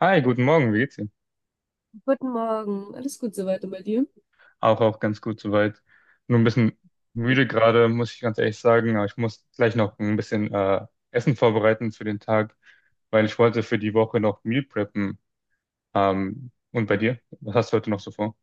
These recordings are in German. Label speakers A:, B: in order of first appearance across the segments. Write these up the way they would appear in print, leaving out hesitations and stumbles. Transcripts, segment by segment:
A: Hi, guten Morgen, wie geht's Ihnen?
B: Guten Morgen, alles gut soweit und bei dir?
A: Auch ganz gut soweit. Nur ein bisschen müde gerade, muss ich ganz ehrlich sagen, aber ich muss gleich noch ein bisschen Essen vorbereiten für den Tag, weil ich wollte für die Woche noch Meal preppen. Und bei dir? Was hast du heute noch so vor?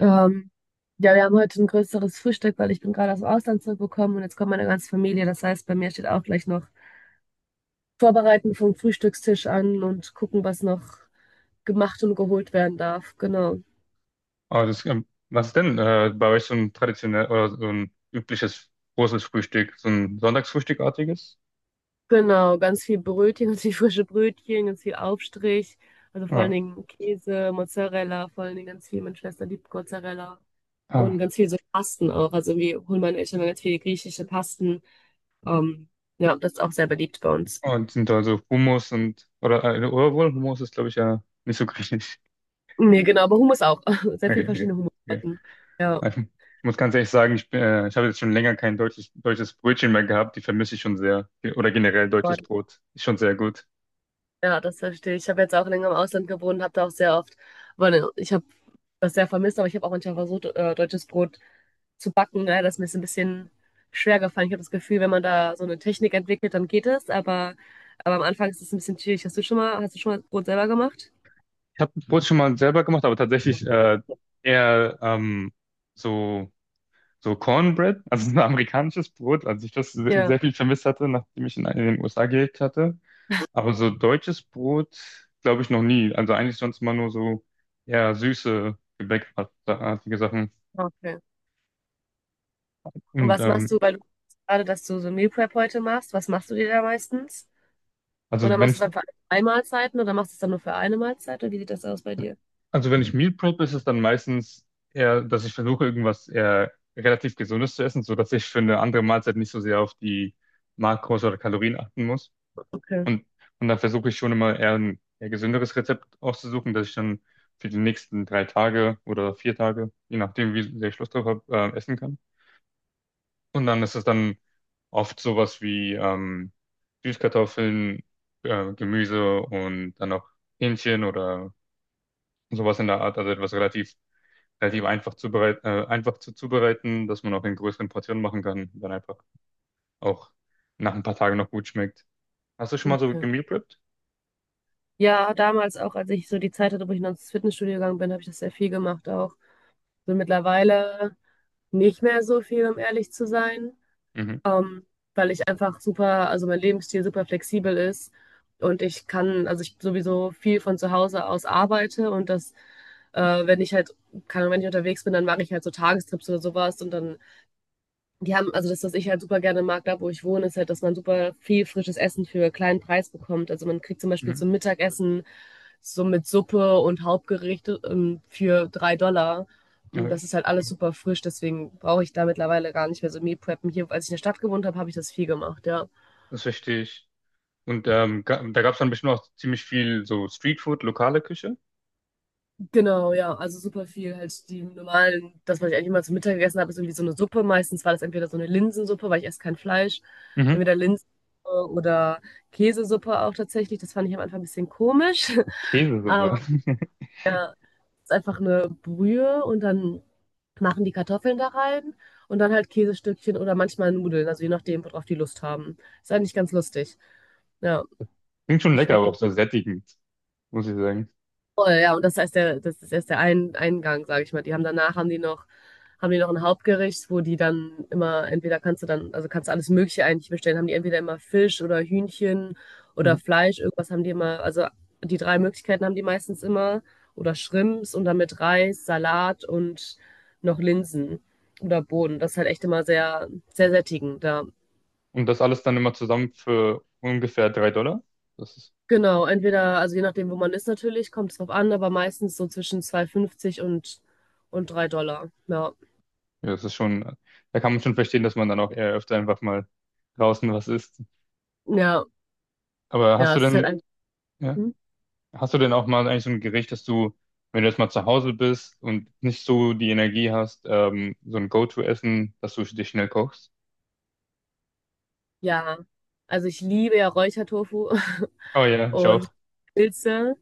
B: Ähm, ja, wir haben heute ein größeres Frühstück, weil ich bin gerade aus dem Ausland zurückgekommen und jetzt kommt meine ganze Familie. Das heißt, bei mir steht auch gleich noch Vorbereiten vom Frühstückstisch an und gucken, was noch gemacht und geholt werden darf. Genau.
A: Ah, das, was ist denn bei euch so ein traditionell oder so ein übliches großes Frühstück, so ein Sonntagsfrühstückartiges?
B: Genau, ganz viel Brötchen, ganz viel frische Brötchen, ganz viel Aufstrich. Also vor allen
A: Ja.
B: Dingen Käse, Mozzarella, vor allen Dingen ganz viel. Meine Schwester liebt Mozzarella. Und
A: Ah.
B: ganz viel so Pasten auch. Also wir holen meine Eltern ganz viele griechische Pasten. Ähm, ja, das ist auch sehr beliebt bei uns.
A: Und sind da so Hummus und oder wohl Hummus ist glaube ich ja nicht so griechisch.
B: Nee, genau, aber Hummus auch. Sehr viele
A: Okay, okay.
B: verschiedene Hummussorten. Ja,
A: Okay. Ich muss ganz ehrlich sagen, ich habe jetzt schon länger kein deutsches Brötchen mehr gehabt. Die vermisse ich schon sehr. Oder generell deutsches
B: Gott.
A: Brot. Ist schon sehr gut.
B: Ja, das verstehe ich. Ich habe jetzt auch länger im Ausland gewohnt, habe da auch sehr oft, aber ne, ich habe das sehr vermisst, aber ich habe auch manchmal versucht, deutsches Brot zu backen. Ne? Das ist mir jetzt ein bisschen schwer gefallen. Ich habe das Gefühl, wenn man da so eine Technik entwickelt, dann geht es, aber am Anfang ist es ein bisschen schwierig. Hast du schon mal Brot selber gemacht?
A: Ich habe Brot schon mal selber gemacht, aber tatsächlich eher so, so Cornbread, also so ein amerikanisches Brot, als ich das
B: Ja,
A: sehr viel vermisst hatte, nachdem ich in den USA gelebt hatte. Aber so deutsches Brot, glaube ich, noch nie. Also eigentlich sonst immer nur so eher süße, gebäckartige Sachen.
B: okay. Und
A: Und
B: was machst du,
A: ähm,
B: weil du gerade, dass du so Meal Prep heute machst, was machst du dir da meistens? Und
A: also
B: dann machst
A: wenn
B: du es dann für zwei Mahlzeiten oder machst du es dann nur für eine Mahlzeit? Oder wie sieht das aus bei dir?
A: Also wenn ich Meal prep, ist es dann meistens eher, dass ich versuche, irgendwas eher relativ Gesundes zu essen, sodass ich für eine andere Mahlzeit nicht so sehr auf die Makros oder Kalorien achten muss.
B: Okay,
A: Und, und dann versuche ich schon immer eher ein eher gesünderes Rezept auszusuchen, dass ich dann für die nächsten 3 Tage oder 4 Tage, je nachdem, wie sehr ich Lust drauf habe, essen kann. Und dann ist es dann oft sowas wie Süßkartoffeln, Gemüse und dann auch Hähnchen oder sowas in der Art, also etwas relativ einfach einfach zu zubereiten, dass man auch in größeren Portionen machen kann, dann einfach auch nach ein paar Tagen noch gut schmeckt. Hast du schon mal so
B: okay.
A: gemeal prepped?
B: Ja, damals auch, als ich so die Zeit hatte, wo ich noch ins Fitnessstudio gegangen bin, habe ich das sehr viel gemacht auch. So mittlerweile nicht mehr so viel, um ehrlich zu sein,
A: Mhm.
B: ähm, weil ich einfach super, also mein Lebensstil super flexibel ist und ich kann, also ich sowieso viel von zu Hause aus arbeite und das, wenn ich halt, kann, wenn ich unterwegs bin, dann mache ich halt so Tagestrips oder sowas und dann Die haben, also das, was ich halt super gerne mag, da wo ich wohne, ist halt, dass man super viel frisches Essen für kleinen Preis bekommt. Also man kriegt zum Beispiel so
A: Mhm.
B: ein Mittagessen so mit Suppe und Hauptgericht für 3 Dollar. Und
A: Okay.
B: das ist halt alles super frisch, deswegen brauche ich da mittlerweile gar nicht mehr so Meal Preppen. Hier, als ich in der Stadt gewohnt habe, habe ich das viel gemacht, ja.
A: Das verstehe ich. Und da gab es dann bestimmt auch ziemlich viel so Streetfood, lokale Küche.
B: Genau, ja, also super viel halt die normalen, das, was ich eigentlich immer zum Mittag gegessen habe, ist irgendwie so eine Suppe. Meistens war das entweder so eine Linsensuppe, weil ich esse kein Fleisch,
A: Mhm.
B: entweder Linsensuppe oder Käsesuppe auch tatsächlich. Das fand ich am Anfang ein bisschen komisch,
A: Käsesuppe.
B: aber es ist einfach eine Brühe und dann machen die Kartoffeln da rein und dann halt Käsestückchen oder manchmal Nudeln, also je nachdem, worauf die Lust haben. Ist eigentlich ganz lustig. Ja,
A: Klingt schon lecker, aber
B: schmeckt
A: auch so sättigend, muss ich sagen.
B: Voll, ja, und das heißt, das ist erst der ein Eingang, sage ich mal. Die haben danach haben die noch, ein Hauptgericht, wo die dann immer, entweder kannst du dann, also kannst du alles Mögliche eigentlich bestellen, haben die entweder immer Fisch oder Hühnchen
A: Mhm.
B: oder Fleisch, irgendwas haben die immer, also die drei Möglichkeiten haben die meistens immer. Oder Shrimps und dann mit Reis, Salat und noch Linsen oder Bohnen. Das ist halt echt immer sehr, sehr sättigend. Da
A: Und das alles dann immer zusammen für ungefähr 3 Dollar. Das ist,
B: Genau, entweder, also je nachdem, wo man ist natürlich, kommt es drauf an, aber meistens so zwischen 2,50 und 3 Dollar. Ja,
A: ja, das ist schon, da kann man schon verstehen, dass man dann auch eher öfter einfach mal draußen was isst.
B: ja,
A: Aber hast
B: ja,
A: du
B: es ist halt
A: denn
B: ein,
A: Ja.
B: hm?
A: Hast du denn auch mal eigentlich so ein Gericht, dass du, wenn du jetzt mal zu Hause bist und nicht so die Energie hast, so ein Go-to-Essen, dass du dich schnell kochst?
B: Ja, also ich liebe ja Räuchertofu
A: Oh ja, ich
B: und
A: auch.
B: Pilze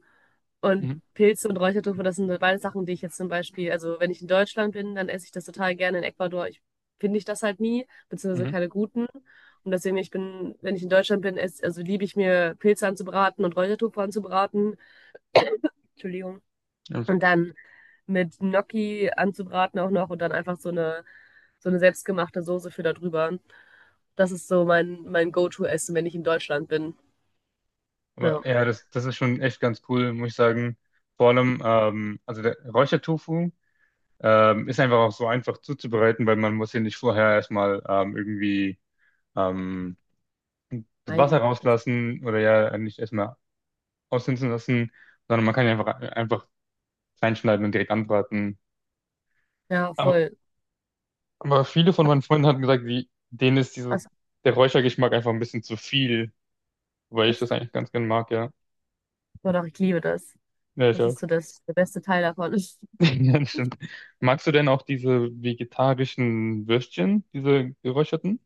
B: und
A: Mhm.
B: Pilze und Räuchertofu, das sind beide Sachen, die ich jetzt zum Beispiel, also wenn ich in Deutschland bin, dann esse ich das total gerne. In Ecuador finde ich das halt nie, beziehungsweise
A: Mhm.
B: keine guten. Und deswegen, ich bin, wenn ich in Deutschland bin, also liebe ich mir Pilze anzubraten und Räuchertofu anzubraten. Entschuldigung.
A: Alles
B: Und
A: gut.
B: dann mit Gnocchi anzubraten auch noch und dann einfach so eine selbstgemachte Soße für da drüber. Das ist so mein Go-To-Essen, wenn ich in Deutschland bin. Ja,
A: Aber ja, das ist schon echt ganz cool, muss ich sagen. Vor allem, also der Räuchertofu ist einfach auch so einfach zuzubereiten, weil man muss hier nicht vorher erstmal irgendwie ähm, das Wasser
B: einlebe das.
A: rauslassen oder ja nicht erstmal aushunzen lassen, sondern man kann ihn einfach kleinschneiden und direkt anbraten.
B: Ja,
A: Aber
B: voll.
A: Aber viele von meinen Freunden hatten gesagt, denen ist
B: Also,
A: der Räuchergeschmack einfach ein bisschen zu viel, weil ich das
B: echt?
A: eigentlich ganz gern mag, ja.
B: Doch, doch, ich liebe das.
A: Ja, ich
B: Das
A: auch.
B: ist so der beste Teil davon.
A: Ja, das stimmt. Magst du denn auch diese vegetarischen Würstchen, diese geräucherten?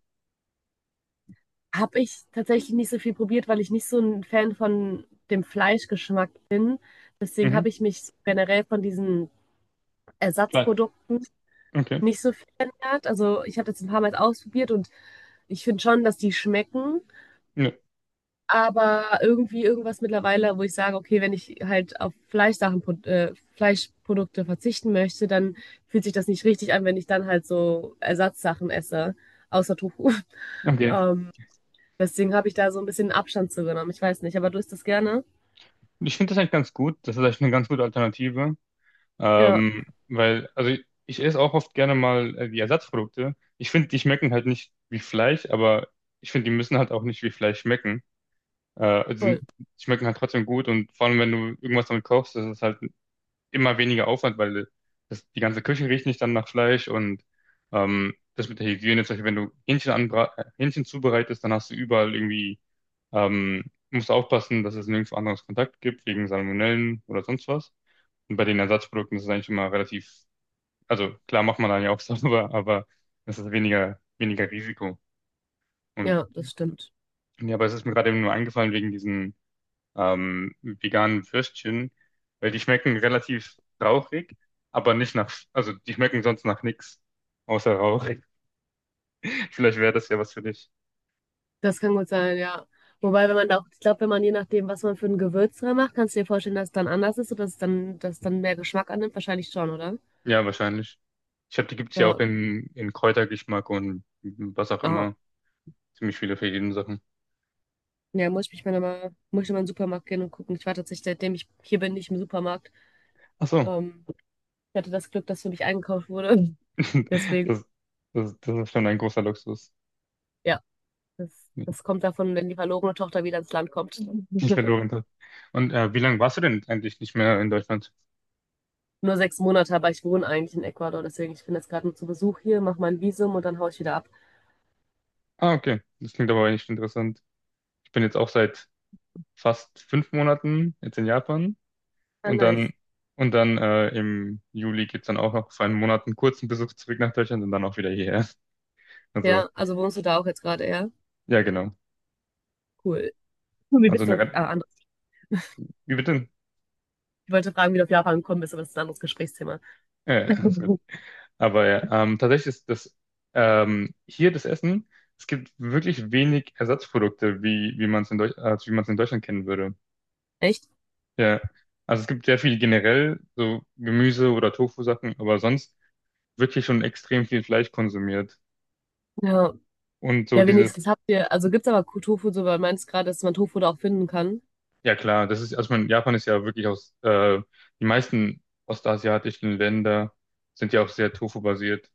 B: Habe ich tatsächlich nicht so viel probiert, weil ich nicht so ein Fan von dem Fleischgeschmack bin. Deswegen habe
A: Mhm.
B: ich mich generell von diesen
A: Klar.
B: Ersatzprodukten
A: Okay.
B: nicht so viel ändert. Also ich habe das ein paar Mal ausprobiert und ich finde schon, dass die schmecken.
A: Nö.
B: Aber irgendwie irgendwas mittlerweile, wo ich sage, okay, wenn ich halt auf Fleischsachen, Fleischprodukte verzichten möchte, dann fühlt sich das nicht richtig an, wenn ich dann halt so Ersatzsachen esse, außer Tofu.
A: Okay.
B: Ähm, deswegen habe ich da so ein bisschen Abstand zu genommen. Ich weiß nicht, aber du isst das gerne?
A: Ich finde das eigentlich ganz gut. Das ist eigentlich eine ganz gute Alternative.
B: Ja,
A: Weil, also ich esse auch oft gerne mal die Ersatzprodukte. Ich finde, die schmecken halt nicht wie Fleisch, aber ich finde, die müssen halt auch nicht wie Fleisch schmecken. Äh,
B: voll.
A: sind, Schmecken halt trotzdem gut und vor allem, wenn du irgendwas damit kochst, das ist es halt immer weniger Aufwand, weil die ganze Küche riecht nicht dann nach Fleisch und das mit der Hygiene, zum Beispiel, wenn du Hähnchen anbra Hähnchen zubereitest, dann hast du überall irgendwie, ähm, musst du aufpassen, dass es nirgendwo anderes Kontakt gibt, wegen Salmonellen oder sonst was. Und bei den Ersatzprodukten ist es eigentlich immer relativ, also klar macht man dann ja auch sauber, aber es ist weniger, weniger Risiko. Und
B: Ja, das stimmt.
A: ja, aber es ist mir gerade eben nur eingefallen wegen diesen veganen Würstchen, weil die schmecken relativ rauchig, aber nicht nach, also die schmecken sonst nach nichts, außer Rauch. Vielleicht wäre das ja was für dich.
B: Das kann gut sein, ja. Wobei, wenn man da auch, ich glaube, wenn man je nachdem, was man für ein Gewürz dran macht, kannst du dir vorstellen, dass es dann anders ist oder dass es dann mehr Geschmack annimmt? Wahrscheinlich schon, oder?
A: Ja, wahrscheinlich. Die gibt's ja
B: Ja.
A: auch in Kräutergeschmack und was auch
B: Aha.
A: immer. Ziemlich viele verschiedene Sachen.
B: Ja, muss ich mal in den Supermarkt gehen und gucken. Ich war tatsächlich, seitdem ich hier bin, nicht im Supermarkt.
A: Ach so,
B: Ähm, ich hatte das Glück, dass für mich eingekauft wurde. Deswegen,
A: das, das ist schon ein großer Luxus,
B: ja, das,
A: den
B: das kommt davon, wenn die verlorene Tochter wieder ins Land kommt.
A: ich verloren habe. Und wie lange warst du denn eigentlich nicht mehr in Deutschland?
B: Nur 6 Monate, aber ich wohne eigentlich in Ecuador. Deswegen, ich bin jetzt gerade nur zu Besuch hier, mache mein Visum und dann haue ich wieder ab.
A: Ah, okay. Das klingt aber echt interessant. Ich bin jetzt auch seit fast 5 Monaten jetzt in Japan.
B: Ah,
A: Und
B: nice.
A: dann, im Juli geht's dann auch noch für einen Monat einen kurzen Besuch zurück nach Deutschland und dann auch wieder hierher. Also,
B: Ja, also wohnst du da auch jetzt gerade, ja?
A: ja, genau.
B: Cool. Cool, Wie
A: Also
B: bist du
A: eine
B: auf,
A: Ren-
B: anders.
A: Wie bitte?
B: Ich wollte fragen, wie du auf Japan gekommen bist, aber das ist ein anderes Gesprächsthema.
A: Ja, ja, ist gut. Aber ja, tatsächlich ist das hier das Essen, es gibt wirklich wenig Ersatzprodukte, wie, wie man es in Deutsch, als wie man es in Deutschland kennen würde.
B: Echt?
A: Ja. Also es gibt sehr viel generell, so Gemüse oder Tofu-Sachen, aber sonst wirklich schon extrem viel Fleisch konsumiert.
B: Ja.
A: Und so
B: Ja,
A: dieses
B: wenigstens habt ihr, also gibt's aber Tofu, so weil du meinst gerade, dass man Tofu da auch finden kann.
A: Ja klar, das ist, also ich meine, Japan ist ja wirklich die meisten ostasiatischen Länder sind ja auch sehr Tofu-basiert,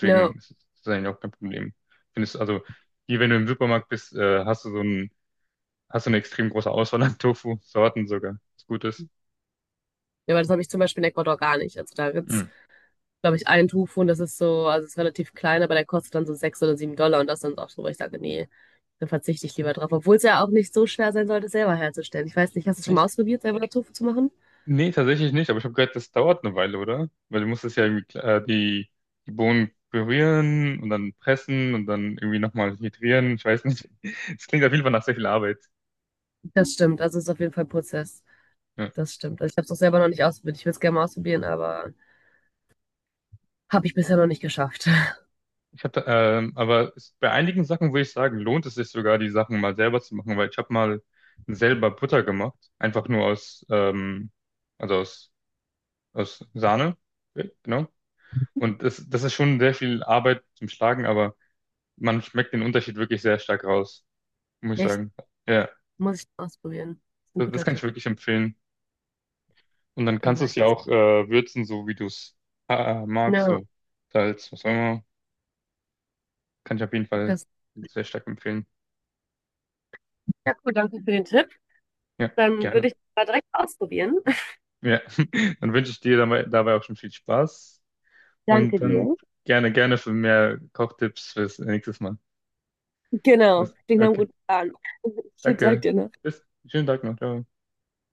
B: Ja.
A: ist das eigentlich auch kein Problem. Findest also hier, wenn du im Supermarkt bist, hast du eine extrem große Auswahl an Tofu-Sorten sogar, was gut ist.
B: Ja, weil das habe ich zum Beispiel in Ecuador gar nicht. Also da gibt's,
A: Hm.
B: glaube ich, einen Tofu und das ist so, also ist relativ klein, aber der kostet dann so 6 oder 7 Dollar und das dann auch so, weil ich sage, nee, dann verzichte ich lieber drauf. Obwohl es ja auch nicht so schwer sein sollte, selber herzustellen. Ich weiß nicht, hast du schon mal
A: Echt?
B: ausprobiert, selber Tofu zu machen?
A: Nee, tatsächlich nicht, aber ich habe gehört, das dauert eine Weile, oder? Weil du musst es ja irgendwie, die Bohnen pürieren und dann pressen und dann irgendwie nochmal hydrieren, ich weiß nicht. Es klingt auf jeden Fall nach sehr viel Arbeit.
B: Das stimmt, also es ist auf jeden Fall ein Prozess.
A: Ja.
B: Das stimmt. Also ich habe es auch selber noch nicht ausprobiert. Ich würde es gerne mal ausprobieren, aber Habe ich bisher noch nicht geschafft.
A: Aber es, bei einigen Sachen würde ich sagen, lohnt es sich sogar, die Sachen mal selber zu machen, weil ich habe mal selber Butter gemacht, einfach nur also aus, aus Sahne, ja, genau. Und das ist schon sehr viel Arbeit zum Schlagen, aber man schmeckt den Unterschied wirklich sehr stark raus, muss ich
B: Echt?
A: sagen. Ja,
B: Muss ich ausprobieren. Ist ein
A: das
B: guter
A: kann ich
B: Tipp.
A: wirklich empfehlen. Und dann
B: Dann
A: kannst du
B: mache
A: es
B: ich
A: ja
B: das.
A: auch würzen, so wie du es magst,
B: Ja,
A: so Salz, was auch immer. Kann ich auf jeden Fall
B: das.
A: sehr stark empfehlen.
B: Ja, cool, danke für den Tipp.
A: Ja,
B: Dann würde
A: gerne.
B: ich das mal direkt ausprobieren.
A: Ja, dann wünsche ich dir dabei auch schon viel Spaß und
B: Danke
A: dann
B: dir.
A: gerne, gerne für mehr Kochtipps fürs nächste Mal.
B: Genau, klingt nach einem
A: Okay,
B: guten Plan. Schönen Tag
A: danke.
B: dir noch.
A: Bis, schönen Tag noch. Ciao.